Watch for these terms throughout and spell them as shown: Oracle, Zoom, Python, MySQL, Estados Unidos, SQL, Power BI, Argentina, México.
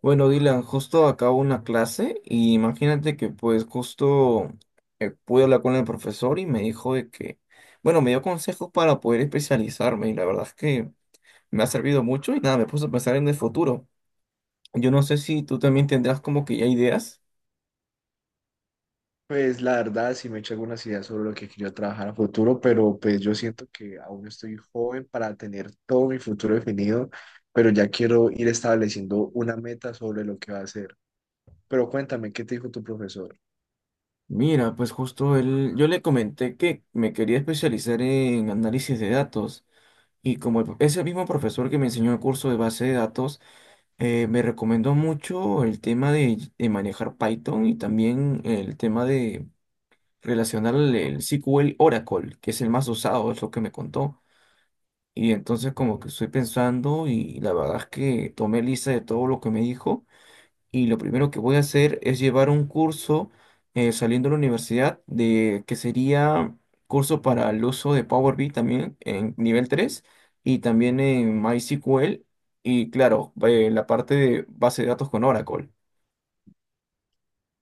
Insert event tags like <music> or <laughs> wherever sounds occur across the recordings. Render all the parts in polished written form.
Bueno, Dylan, justo acabo una clase y imagínate que pues justo pude hablar con el profesor y me dijo de que, bueno, me dio consejos para poder especializarme y la verdad es que me ha servido mucho y nada, me puse a pensar en el futuro. Yo no sé si tú también tendrás como que ya ideas. Pues la verdad sí me he hecho algunas ideas sobre lo que quiero trabajar a futuro, pero pues yo siento que aún estoy joven para tener todo mi futuro definido, pero ya quiero ir estableciendo una meta sobre lo que va a hacer. Pero cuéntame, ¿qué te dijo tu profesor? Mira, pues justo él, yo le comenté que me quería especializar en análisis de datos y como es el mismo profesor que me enseñó el curso de base de datos. Me recomendó mucho el tema de manejar Python y también el tema de relacionar el SQL Oracle, que es el más usado, es lo que me contó. Y entonces Mm. como que estoy pensando y la verdad es que tomé lista de todo lo que me dijo, y lo primero que voy a hacer es llevar un curso saliendo de la universidad, de que sería curso para el uso de Power BI también en nivel 3 y también en MySQL y claro, la parte de base de datos con Oracle.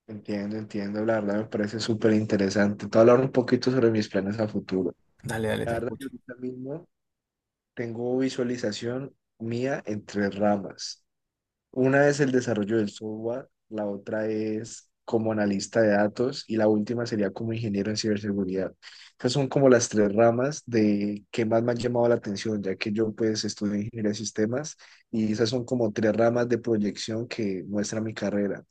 Entiendo, entiendo, la verdad me parece súper interesante. Te voy a hablar un poquito sobre mis planes a futuro. Dale, dale, te La verdad, yo escucho. ahorita mismo tengo visualización mía en tres ramas. Una es el desarrollo del software, la otra es como analista de datos y la última sería como ingeniero en ciberseguridad. Esas son como las tres ramas de que más me han llamado la atención, ya que yo pues estudio ingeniería de sistemas y esas son como tres ramas de proyección que muestra mi carrera.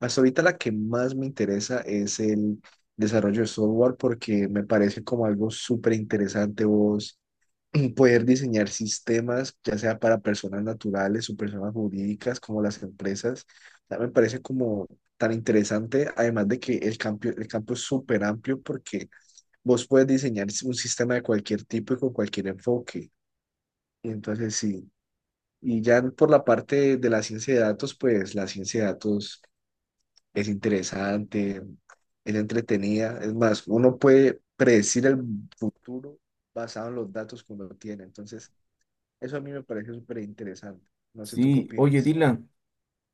Hasta ahorita la que más me interesa es el desarrollo de software porque me parece como algo súper interesante vos <clears throat> poder diseñar sistemas, ya sea para personas naturales o personas jurídicas, como las empresas, ya me parece como tan interesante, además de que el campo es súper amplio porque vos puedes diseñar un sistema de cualquier tipo y con cualquier enfoque. Y entonces sí, y ya por la parte de la ciencia de datos, pues la ciencia de datos es interesante, es entretenida, es más, uno puede predecir el futuro basado en los datos que uno tiene. Entonces, eso a mí me parece súper interesante. No sé tú qué Sí, oye opinas. Dylan,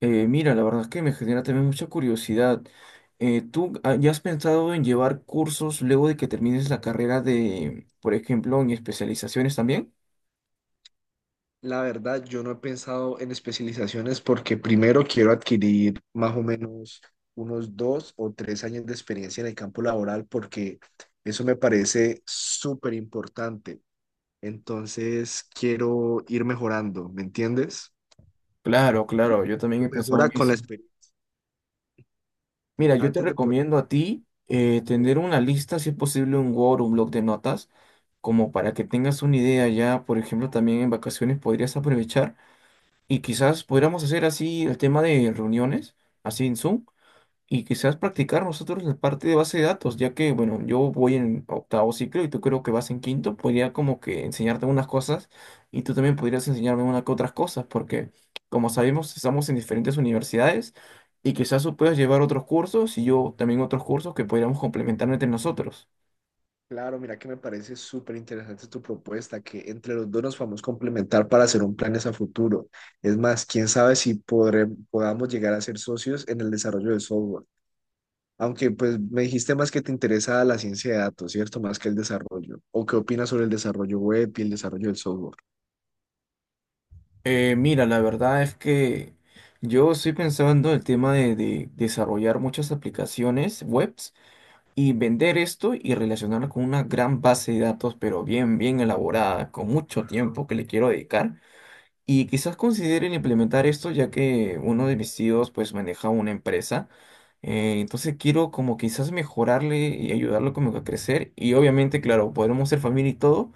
mira, la verdad es que me genera también mucha curiosidad. ¿Tú ya has pensado en llevar cursos luego de que termines la carrera de, por ejemplo, en especializaciones también? La verdad, yo no he pensado en especializaciones porque primero quiero adquirir más o menos unos dos o tres años de experiencia en el campo laboral porque eso me parece súper importante. Entonces, quiero ir mejorando, ¿me entiendes? Claro, claro, yo también Lo he pensado en mejora con la eso. experiencia. Mira, yo te Antes de recomiendo a ti poder tener una lista, si es posible, un Word, un bloc de notas, como para que tengas una idea ya, por ejemplo, también en vacaciones podrías aprovechar y quizás podríamos hacer así el tema de reuniones, así en Zoom, y quizás practicar nosotros la parte de base de datos, ya que, bueno, yo voy en octavo ciclo y tú creo que vas en quinto, podría como que enseñarte unas cosas y tú también podrías enseñarme unas que otras cosas, porque como sabemos, estamos en diferentes universidades y quizás tú puedas llevar otros cursos y yo también otros cursos que podríamos complementar entre nosotros. Claro, mira que me parece súper interesante tu propuesta, que entre los dos nos podamos complementar para hacer un planes a futuro. Es más, quién sabe si podamos llegar a ser socios en el desarrollo de software. Aunque pues me dijiste más que te interesa la ciencia de datos, ¿cierto? Más que el desarrollo. ¿O qué opinas sobre el desarrollo web y el desarrollo del software? Mira, la verdad es que yo estoy pensando el tema de desarrollar muchas aplicaciones webs y vender esto y relacionarlo con una gran base de datos, pero bien, bien elaborada, con mucho tiempo que le quiero dedicar. Y quizás consideren implementar esto, ya que uno de mis tíos pues maneja una empresa. Entonces quiero como quizás mejorarle y ayudarlo como que a crecer. Y obviamente, claro, podremos ser familia y todo,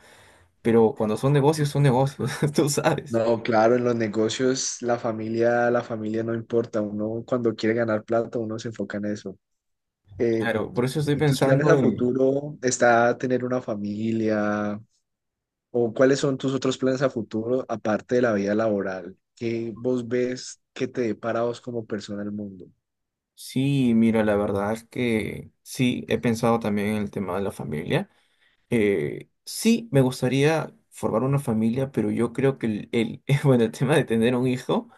pero cuando son negocios, <laughs> tú sabes. No, claro, en los negocios la familia no importa. Uno cuando quiere ganar plata, uno se enfoca en eso. Eh, Claro, por eso estoy ¿Y tus planes pensando a en... futuro está tener una familia? ¿O cuáles son tus otros planes a futuro, aparte de la vida laboral? ¿Qué vos ves que te depara a vos como persona el mundo? Sí, mira, la verdad es que sí, he pensado también en el tema de la familia. Sí, me gustaría formar una familia, pero yo creo que <laughs> bueno, el tema de tener un hijo,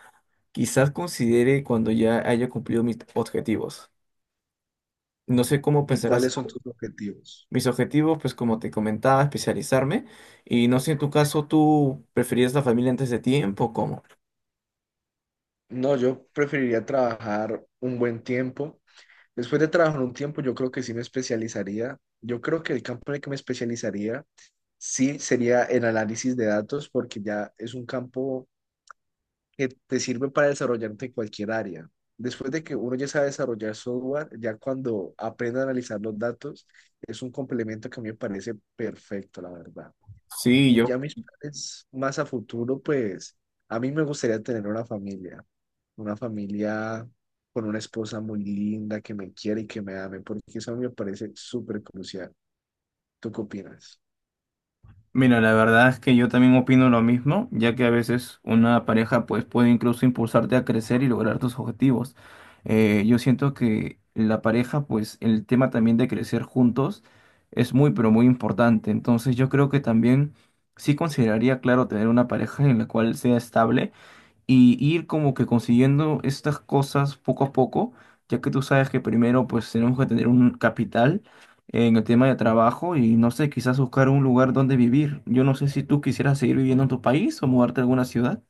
quizás considere cuando ya haya cumplido mis objetivos. No sé cómo ¿Y pensarás cuáles son tú. tus objetivos? Mis objetivos, pues como te comentaba, especializarme. Y no sé en tu caso, ¿tú preferías la familia antes de tiempo? ¿Cómo? No, yo preferiría trabajar un buen tiempo. Después de trabajar un tiempo, yo creo que sí me especializaría. Yo creo que el campo en el que me especializaría sí sería en análisis de datos, porque ya es un campo que te sirven para desarrollarte en cualquier área. Después de que uno ya sabe desarrollar software, ya cuando aprenda a analizar los datos, es un complemento que a mí me parece perfecto, la verdad. Sí, Y yo. ya mis planes más a futuro, pues a mí me gustaría tener una familia con una esposa muy linda que me quiere y que me ame, porque eso a mí me parece súper crucial. ¿Tú qué opinas? Mira, la verdad es que yo también opino lo mismo, ya que a veces una pareja pues puede incluso impulsarte a crecer y lograr tus objetivos. Yo siento que la pareja, pues el tema también de crecer juntos es muy, pero muy importante. Entonces yo creo que también sí consideraría, claro, tener una pareja en la cual sea estable y ir como que consiguiendo estas cosas poco a poco, ya que tú sabes que primero pues tenemos que tener un capital en el tema de trabajo y no sé, quizás buscar un lugar donde vivir. Yo no sé si tú quisieras seguir viviendo en tu país o mudarte a alguna ciudad.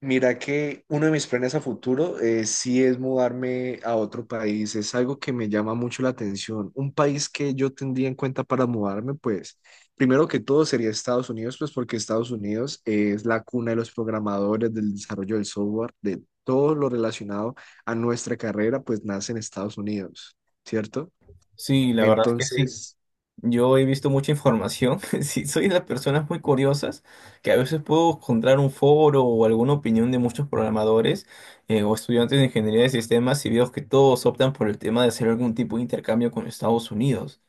Mira que uno de mis planes a futuro sí es mudarme a otro país. Es algo que me llama mucho la atención. Un país que yo tendría en cuenta para mudarme, pues, primero que todo sería Estados Unidos, pues porque Estados Unidos es la cuna de los programadores, del desarrollo del software, de todo lo relacionado a nuestra carrera, pues nace en Estados Unidos, ¿cierto? Sí, la verdad es que sí. Entonces, Yo he visto mucha información. <laughs> Sí, soy de las personas muy curiosas que a veces puedo encontrar un foro o alguna opinión de muchos programadores o estudiantes de ingeniería de sistemas y veo que todos optan por el tema de hacer algún tipo de intercambio con Estados Unidos.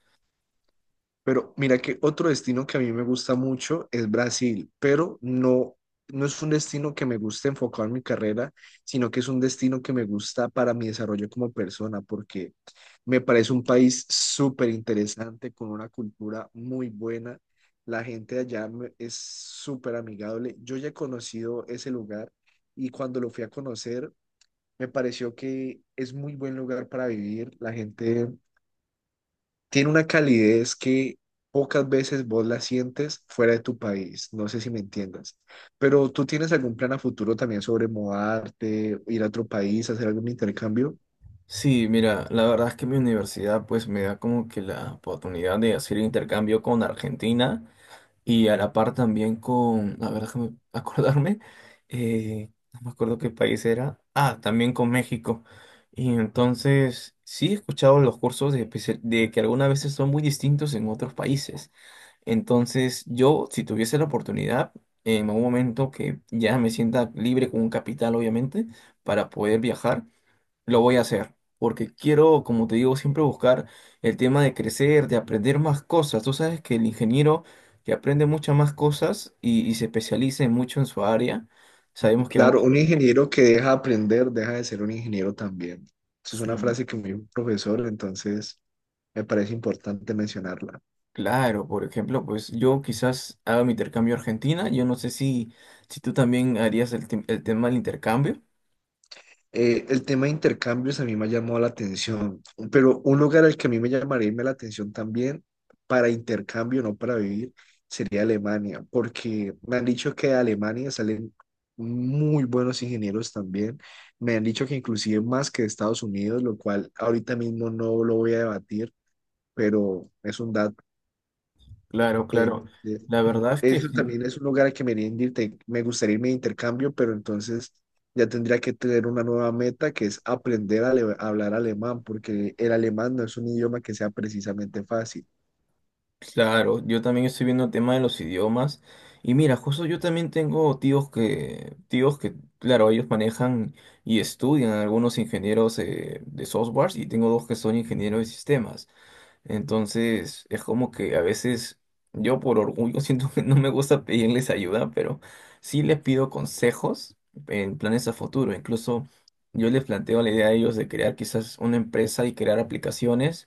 pero mira que otro destino que a mí me gusta mucho es Brasil, pero no, no es un destino que me guste enfocado en mi carrera, sino que es un destino que me gusta para mi desarrollo como persona, porque me parece un país súper interesante, con una cultura muy buena. La gente de allá es súper amigable. Yo ya he conocido ese lugar y cuando lo fui a conocer, me pareció que es muy buen lugar para vivir. La gente tiene una calidez que pocas veces vos la sientes fuera de tu país. No sé si me entiendas. Pero ¿tú tienes algún plan a futuro también sobre mudarte, ir a otro país, hacer algún intercambio? Sí, mira, la verdad es que mi universidad pues me da como que la oportunidad de hacer intercambio con Argentina y a la par también con, a ver, déjame <laughs> acordarme, no me acuerdo qué país era, ah, también con México. Y entonces sí he escuchado los cursos de, de que algunas veces son muy distintos en otros países. Entonces yo, si tuviese la oportunidad, en algún momento que ya me sienta libre con un capital, obviamente, para poder viajar. Lo voy a hacer, porque quiero, como te digo, siempre buscar el tema de crecer, de aprender más cosas. Tú sabes que el ingeniero que aprende muchas más cosas y se especializa en mucho en su área, sabemos que Claro, vamos... un ingeniero que deja de aprender, deja de ser un ingeniero también. Esa es una Sí. frase que me dijo un profesor, entonces me parece importante mencionarla. Claro, por ejemplo, pues yo quizás haga mi intercambio a Argentina. Yo no sé si, si tú también harías el, el tema del intercambio. El tema de intercambios a mí me ha llamado la atención, pero un lugar al que a mí me llamaría la atención también para intercambio, no para vivir, sería Alemania, porque me han dicho que de Alemania salen muy buenos ingenieros también. Me han dicho que inclusive más que de Estados Unidos, lo cual ahorita mismo no lo voy a debatir, pero es un dato Claro, claro. entonces, La verdad es que eso sí. también es un lugar al que me, iría de me gustaría irme de intercambio, pero entonces ya tendría que tener una nueva meta que es aprender a, a hablar alemán, porque el alemán no es un idioma que sea precisamente fácil. Claro, yo también estoy viendo el tema de los idiomas. Y mira, justo yo también tengo tíos que, claro, ellos manejan y estudian algunos ingenieros de softwares y tengo dos que son ingenieros de sistemas. Entonces, es como que a veces yo por orgullo <laughs> siento que no me gusta pedirles ayuda, pero sí les pido consejos en planes a futuro. Incluso yo les planteo la idea a ellos de crear quizás una empresa y crear aplicaciones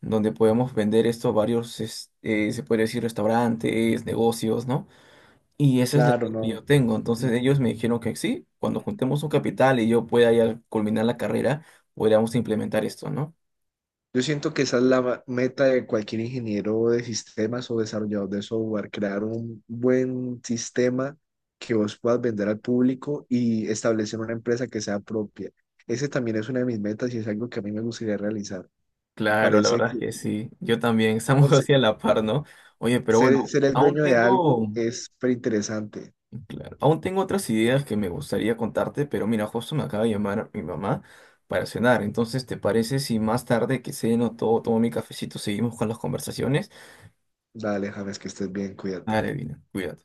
donde podemos vender esto a varios, se puede decir, restaurantes, negocios, ¿no? Y esa es la Claro, idea que yo no. tengo. Entonces ellos me dijeron que sí, cuando juntemos un capital y yo pueda ya culminar la carrera, podríamos implementar esto, ¿no? Yo siento que esa es la meta de cualquier ingeniero de sistemas o desarrollador de software, crear un buen sistema que vos puedas vender al público y establecer una empresa que sea propia. Ese también es una de mis metas y es algo que a mí me gustaría realizar. Me Claro, la parece verdad es que que sí. Yo también, uno estamos <laughs> así a la par, ¿no? Oye, pero bueno, ser el aún dueño de tengo, algo es súper interesante. claro, aún tengo otras ideas que me gustaría contarte, pero mira, justo me acaba de llamar mi mamá para cenar. Entonces, ¿te parece si más tarde que ceno todo, tomo mi cafecito, seguimos con las conversaciones? Dale, James, que estés bien, cuídate. Dale, Dina, cuídate.